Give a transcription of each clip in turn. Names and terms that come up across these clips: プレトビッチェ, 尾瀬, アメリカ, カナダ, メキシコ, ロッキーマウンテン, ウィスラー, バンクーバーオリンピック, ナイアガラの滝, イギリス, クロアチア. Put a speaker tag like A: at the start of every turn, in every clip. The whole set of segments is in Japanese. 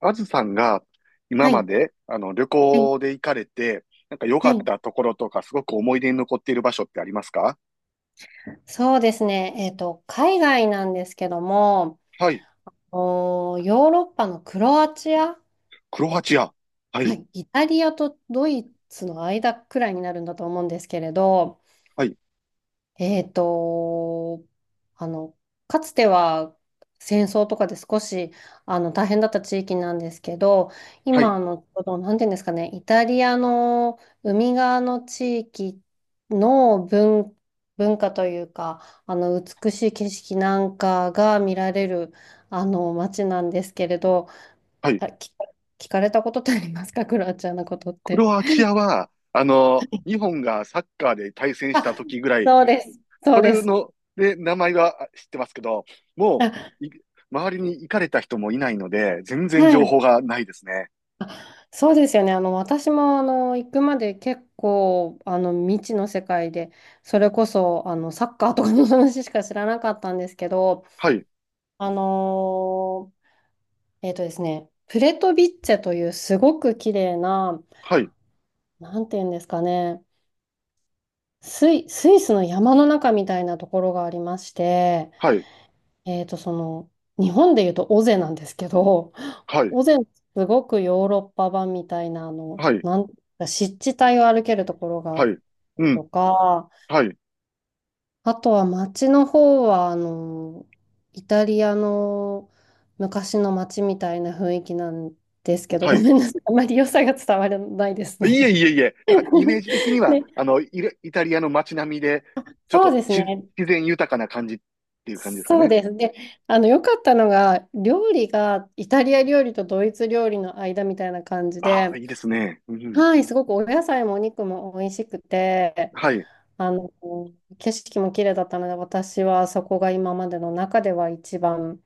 A: あずさんが今
B: は
A: ま
B: い、
A: で旅
B: はい、
A: 行で行かれて、なんか良
B: は
A: かっ
B: い。
A: たところとか、すごく思い出に残っている場所ってありますか？
B: そうですね。海外なんですけども、
A: はい。
B: ヨーロッパのクロアチア、
A: クロ
B: え
A: ア
B: っ
A: チ
B: と、
A: ア。は
B: は
A: い。
B: い。イタリアとドイツの間くらいになるんだと思うんですけれど、
A: はい。
B: えっと、あの、かつては戦争とかで少し大変だった地域なんですけど、
A: はい。
B: 今、ちょうど、なんていうんですかね、イタリアの海側の地域の文化というか、美しい景色なんかが見られる、街なんですけれど、
A: はい。
B: あ、聞かれたことってありますか、クロアチアのことっ
A: ク
B: て？
A: ロアチアは、あの、日本がサッカーで対戦した
B: あ、
A: 時ぐらい、
B: そうです。そ
A: そ
B: うで
A: れ
B: す。
A: の、で、名前は知ってますけど、も
B: あ、
A: う、い周りに行かれた人もいないので、全然
B: は
A: 情
B: い。
A: 報がないですね。
B: そうですよね。私も、行くまで結構、未知の世界で、それこそ、サッカーとかの話しか知らなかったんですけど、
A: はい。
B: あのえっとですね、プレトビッチェというすごく綺麗な、
A: はい。
B: なんていうんですかね、スイスの山の中みたいなところがありまして、
A: はい。
B: えっと、その、日本でいうと尾瀬なんですけど、
A: はい。
B: 尾瀬のすごくヨーロッパ版みたいな、
A: はい。
B: 湿地帯を歩けるところがあ
A: は
B: っ
A: い。う
B: と
A: ん。
B: か、
A: はい。
B: あとは街の方は、イタリアの昔の街みたいな雰囲気なんですけど、
A: は
B: ご
A: い。
B: めんなさい。あまり良さが伝わらないです
A: いえ
B: ね。
A: いえいえ、なんかイメー ジ的には、
B: で、
A: あの、イタリアの街並みで、ちょっ
B: そ
A: と
B: うです
A: し
B: ね。
A: 自然豊かな感じっていう感じですか
B: そう
A: ね。
B: です。で、良かったのが、料理がイタリア料理とドイツ料理の間みたいな感じ
A: ああ、
B: で、
A: いいですね。うん。
B: はい、すごくお野菜もお肉も美味しくて、
A: はい。
B: あの、景色も綺麗だったので、私はそこが今までの中では一番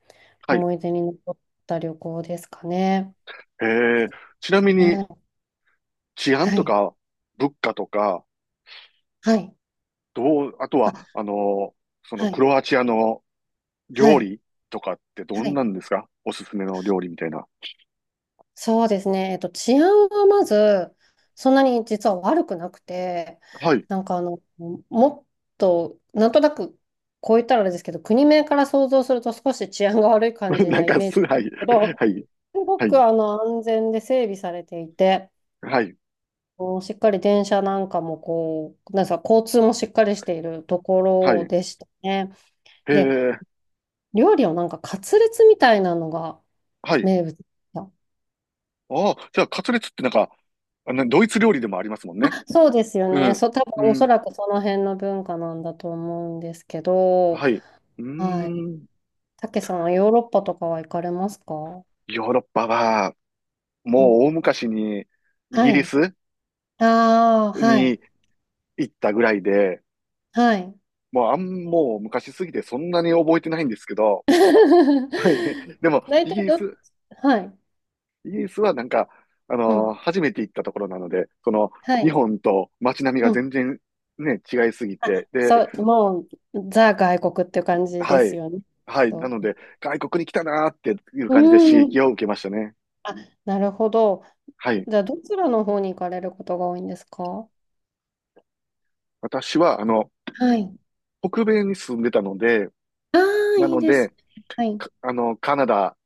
A: はい。
B: 思い出に残った旅行ですかね。
A: えー、ちなみに
B: はい。
A: 治安
B: は
A: と
B: い。
A: か物価とか、
B: はい。
A: どう、あと
B: あ、
A: は、あの、その
B: は
A: ク
B: い。
A: ロアチアの
B: は
A: 料
B: い。
A: 理とかって
B: は
A: どん
B: い。
A: なんですか？おすすめの料理みたいな。
B: そうですね。治安はまず、そんなに実は悪くなくて、
A: はい。
B: なんかもっと、なんとなく、こう言ったらあれですけど、国名から想像すると少し治安が悪い感 じ
A: なん
B: なイ
A: か
B: メージ
A: す、
B: です
A: はい。
B: けど、
A: はい。
B: すご
A: は
B: く
A: い。
B: 安全で整備されていて、
A: はい。
B: うんしっかり電車なんかもこう、なんですか、交通もしっかりしているとこ
A: は
B: ろ
A: い。
B: でしたね。
A: へ
B: で、
A: え。
B: 料理はなんかカツレツみたいなのが
A: はい。
B: 名物でし
A: ああ、じゃあ、カツレツってなんか、あのドイツ料理でもありますもんね。
B: たそうですよ
A: う
B: ね。
A: ん。
B: そう、多分
A: う
B: おそ
A: ん。
B: らくその辺の文化なんだと思うんですけど、
A: はい。うー
B: はい。
A: ん。
B: たけさんはヨーロッパとかは行かれますか？
A: ヨーロッパは、
B: う
A: も
B: ん。
A: う大昔にイ
B: は
A: ギリ
B: い。
A: ス
B: ああ、はい。
A: に行ったぐらいで、
B: はい。
A: もう昔すぎてそんなに覚えてないんですけど、はい。でも、
B: 大
A: イ
B: 体
A: ギリ
B: どっ
A: ス、
B: ち、はい。
A: イギリスはなんか、あ
B: う
A: のー
B: ん。
A: 初めて行ったところなので、その、
B: は
A: 日
B: い。
A: 本と街並みが
B: うん。
A: 全然ね、違いすぎ
B: あ、
A: て、で、
B: そう、もう、ザ外国っていう感じで
A: は
B: す
A: い。
B: よね。
A: はい。な
B: と、
A: ので、外国に来たなーっていう
B: う
A: 感じで刺激を
B: ん。
A: 受けましたね。
B: あ、なるほど。
A: はい。
B: じゃあ、どちらの方に行かれることが多いんですか？
A: 私は、あの、
B: はい。
A: 北米に住んでたので、
B: ああ、
A: な
B: いい
A: の
B: です
A: で、
B: ね。はい。
A: かあの、カナダ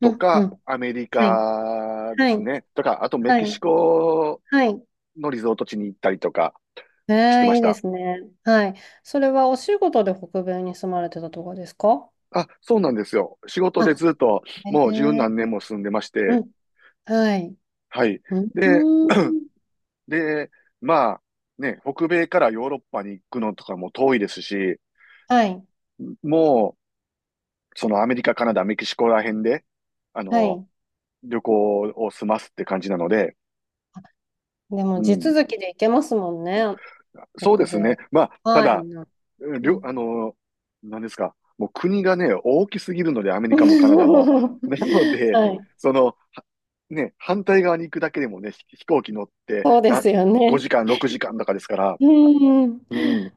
B: う
A: と
B: ん、うん。
A: かアメリ
B: はい。
A: カで
B: は
A: す
B: い。
A: ね。とか、あとメ
B: は
A: キシ
B: い。
A: コ
B: はい。
A: のリゾート地に行ったりとか
B: え
A: してま
B: え、い
A: し
B: いで
A: た。
B: すね。はい。それはお仕事で北米に住まれてたとかですか？
A: あ、そうなんですよ。仕事で
B: あ、
A: ずっとも
B: え
A: う十
B: え、
A: 何年も住んでまし
B: う
A: て、
B: ん。はい。
A: はい。
B: うん。
A: で、
B: うん、
A: で、まあ、ね、北米からヨーロッパに行くのとかも遠いですし、
B: はい。
A: もそのアメリカ、カナダ、メキシコら辺で、あ
B: は
A: の、
B: い。
A: 旅行を済ますって感じなので、
B: でも、
A: う
B: 地
A: ん。
B: 続きで行けますもんね。
A: そうで
B: 北
A: すね。
B: 米。
A: まあ、た
B: はい。
A: だ、
B: う
A: りょ、
B: ん。
A: あの、何ですか。もう国がね、大きすぎるので、アメリ カもカナダも。なので、
B: はい。
A: その、はね、反対側に行くだけでもね、飛行機乗って
B: そうで
A: な、
B: すよね。
A: 5時間、6時間とかですから。
B: うん。
A: うん。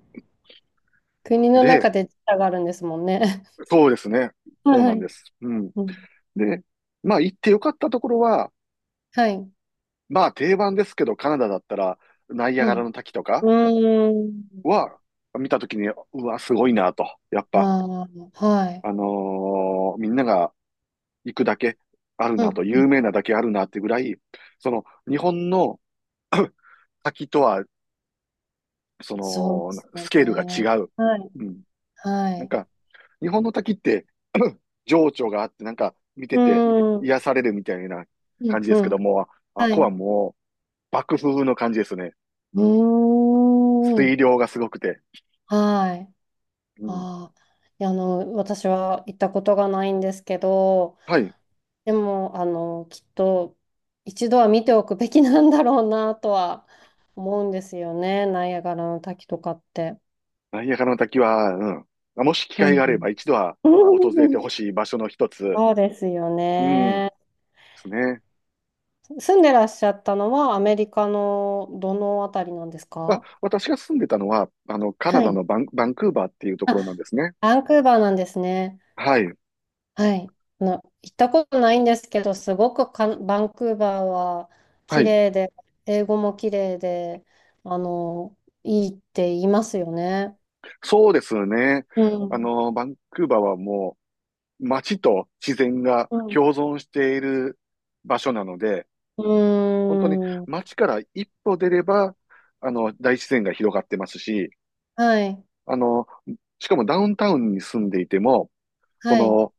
B: 国の
A: で、
B: 中で時差があるんですもんね。
A: そうですね。そう
B: は
A: なんで
B: い。
A: す。うん。
B: うん。
A: で、まあ行ってよかったところは、
B: はい。
A: まあ定番ですけど、カナダだったら、ナイア
B: う
A: ガラの
B: ん。
A: 滝とか
B: うーん。
A: は、見たときに、うわ、すごいなと。やっぱ、
B: ああ、はい。
A: あのーみんなが行くだけある
B: う
A: なと、
B: ん。う
A: 有
B: ん、
A: 名なだけあるなってぐらい、その、日本の 滝とは、そ
B: そうで
A: の、
B: す
A: ス
B: よ
A: ケールが
B: ね。
A: 違う。
B: はい。
A: うん。
B: は
A: なん
B: い。
A: か、日本の滝って、情緒があって、なんか、見て
B: う
A: て、
B: ーん。
A: 癒されるみたいな
B: う
A: 感
B: ん。
A: じです
B: う
A: け
B: ん。
A: ども、あっ
B: はい。
A: こは
B: う
A: もう、爆風の感じですね。
B: ーん。
A: 水量がすごくて。
B: はい。
A: うん。
B: ああ。いや、私は行ったことがないんですけど、
A: はい。
B: でも、きっと一度は見ておくべきなんだろうなとは思うんですよね、ナイアガラの滝とかって。
A: ナイアガラの滝は、うん。まあもし機
B: う
A: 会があれば
B: ん。
A: 一度は訪
B: う
A: れてほ
B: ん、
A: しい場所の一つ。
B: そうですよ
A: うん。で
B: ね。
A: すね。
B: 住んでらっしゃったのはアメリカのどのあたりなんです
A: あ、
B: か？
A: 私が住んでたのは、あの、カナ
B: は
A: ダの
B: い。
A: バンクーバーっていうところなん
B: あ、
A: ですね。
B: バンクーバーなんですね。
A: はい。
B: はい。あの、行ったことないんですけど、すごくかん、バンクーバーは
A: は
B: 綺
A: い。
B: 麗で、英語も綺麗で、あの、いいって言いますよね。
A: そうですね。
B: う
A: あ
B: ん。
A: の、バンクーバーはもう街と自然が
B: うん。
A: 共存している場所なので、
B: う
A: 本当に
B: ーん。
A: 街から一歩出れば、あの、大自然が広がってますし、
B: はい。
A: あの、しかもダウンタウンに住んでいても、そ
B: はい。
A: の、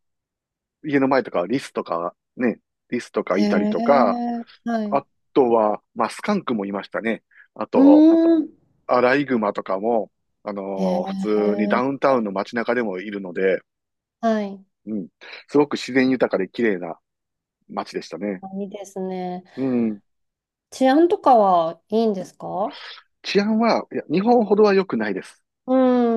A: 家の前とかリスとか
B: へ
A: いたりとか、
B: え。はい。う
A: あとは、まあ、スカンクもいましたね。あ
B: ー
A: と、
B: ん。
A: アライグマとかも、あ
B: へ
A: のー普通にダ
B: え。
A: ウンタウンの街中でもいるので、
B: はい。
A: うん、すごく自然豊かで綺麗な街でしたね。
B: あ、いいですね。
A: うん、
B: 治安とかはいいんですか？
A: 治安は、いや、日本ほどは良くないです。
B: う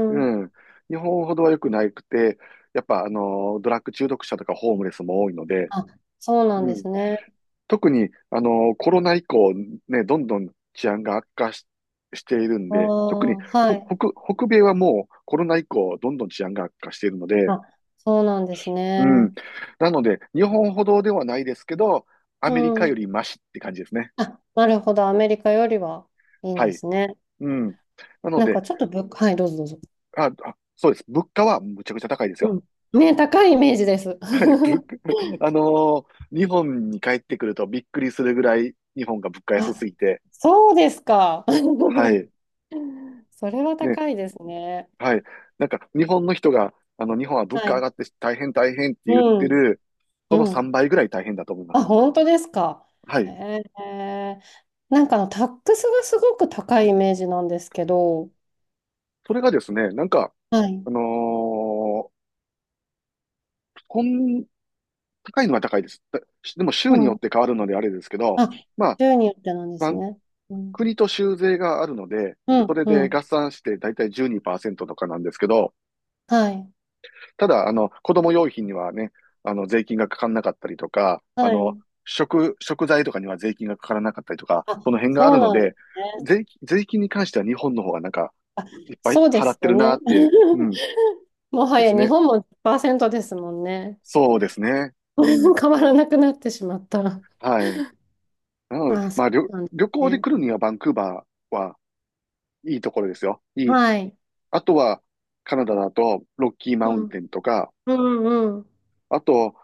A: う
B: ん。
A: ん、日本ほどは良くなくて、やっぱ、あのードラッグ中毒者とかホームレスも多いので、
B: あ、そうなん
A: う
B: で
A: ん、
B: すね。
A: 特に、あの、コロナ以降、ね、どんどん治安が悪化し、しているん
B: あ
A: で、特に
B: あ、はい。
A: 北米はもうコロナ以降、どんどん治安が悪化しているので、
B: あ、そうなんです
A: うん。
B: ね。
A: なので、日本ほどではないですけど、ア
B: う
A: メリカよ
B: ん。
A: りマシって感じですね。
B: あ、なるほど。アメリカよりはいいん
A: は
B: で
A: い。
B: すね。
A: うん。なの
B: なん
A: で、
B: かちょっと物価、はい、どうぞどうぞ。
A: あ、あ、そうです。物価はむちゃくちゃ高いです
B: う
A: よ。
B: ん。ね、高いイメージです。
A: はい。物 価 あのー日本に帰ってくるとびっくりするぐらい、日本が物価安す
B: あ、
A: ぎて、
B: そうですか。
A: はい。
B: それは
A: ね、
B: 高いですね。
A: はい。なんか、日本の人が、あの、日本は物
B: は
A: 価上が
B: い。
A: って大変大変って
B: う
A: 言って
B: ん。
A: る、その
B: うん。
A: 3倍ぐらい大変だと思いま
B: あ、
A: す。
B: 本当ですか。
A: は
B: へ
A: い。
B: え。なんかタックスがすごく高いイメージなんですけど。
A: それがですね、なんか、
B: はい。
A: あのーこん、高いのは高いです。でも、州
B: う
A: によ
B: ん。
A: って変わるのであれですけど、
B: あ、
A: まあ、
B: 州によってなんで
A: まあ
B: すね。うん。
A: 国と州税があるので、
B: う
A: そ
B: ん。
A: れ
B: う
A: で
B: ん。
A: 合算して大体12%とかなんですけど、
B: はい。
A: ただ、あの、子供用品にはね、あの、税金がかからなかったりとか、あ
B: は
A: の、
B: い。
A: 食材とかには税金がかからなかったりとか、
B: あ、
A: その辺があ
B: そ
A: る
B: う
A: の
B: なんです
A: で、
B: ね。
A: 税金に関しては日本の方がなんか、いっぱい
B: そうで
A: 払
B: す
A: って
B: よ
A: るな
B: ね。
A: ーって、う ん、
B: もは
A: で
B: や
A: す
B: 日
A: ね。
B: 本も10%ですもんね。
A: そうですね。うん、
B: 変わらなくなってしまった。
A: はい。なので、
B: まあ、そ
A: まあ、
B: うなんです
A: 旅行で
B: ね。
A: 来るにはバンクーバーはいいところですよ。いい。
B: はい。
A: あとは、カナダだと、ロッキーマウ
B: う
A: ンテ
B: ん。
A: ンとか、
B: うんうん。
A: あと、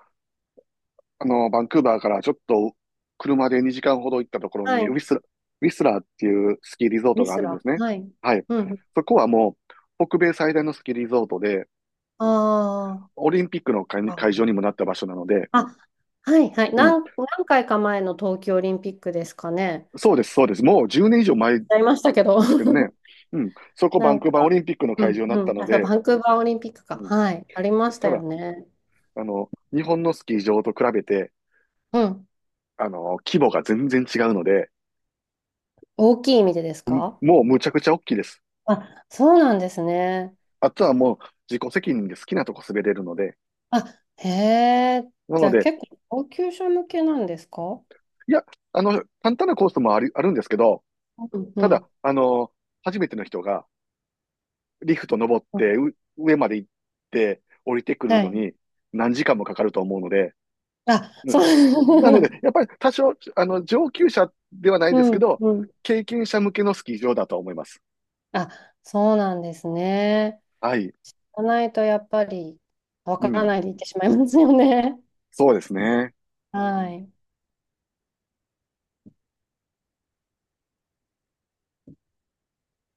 A: あの、バンクーバーからちょっと車で2時間ほど行ったところ
B: は
A: に、
B: い。
A: ウィスラーっていうスキーリゾート
B: ミ
A: があ
B: ス
A: るんで
B: ラ。
A: すね。
B: はい。
A: はい。
B: うん。
A: そこはもう、北米最大のスキーリゾートで、
B: ああ。
A: オリンピックの会
B: あ、
A: 場にもなった場所なので、
B: あ、はいはい。
A: うん。
B: 何回か前の冬季オリンピックですかね。
A: そうです、そうです。もう10年以上前で
B: やりましたけど。
A: すけどね。うん。そこ
B: な
A: バン
B: ん
A: クーバーオ
B: か、
A: リンピックの
B: う
A: 会場
B: ん
A: になっ
B: う
A: た
B: ん。
A: の
B: あ、そう、
A: で、
B: バンクーバーオリンピックか。
A: うん。
B: はい。ありましたよ
A: だ、
B: ね。
A: あの、日本のスキー場と比べて、
B: うん。
A: あの、規模が全然違うので、
B: 大きい意味でです
A: うん
B: か？
A: もうむちゃくちゃ大きいです。
B: あ、そうなんですね。
A: あとはもう自己責任で好きなとこ滑れるので、
B: あ、へえ。
A: な
B: じ
A: の
B: ゃあ
A: で、
B: 結構、高級者向けなんですか？
A: いや、あの、簡単なコースもあるんですけど、
B: うんう
A: ただ、
B: ん。
A: あの、初めての人がリフト登って上まで行って降りてくる
B: は
A: の
B: い。
A: に何時間もかかると思うので、
B: あ、
A: う
B: そ
A: ん。なの
B: う。
A: で、や っぱり多少、あの、上級者ではない
B: う
A: ですけ
B: ん、
A: ど、
B: うん。
A: 経験者向けのスキー場だと思います。
B: あ、そうなんですね。
A: はい。
B: じゃないとやっぱりわか
A: う
B: ら
A: ん。
B: ないでいってしまいますよね。
A: そうですね。
B: はい。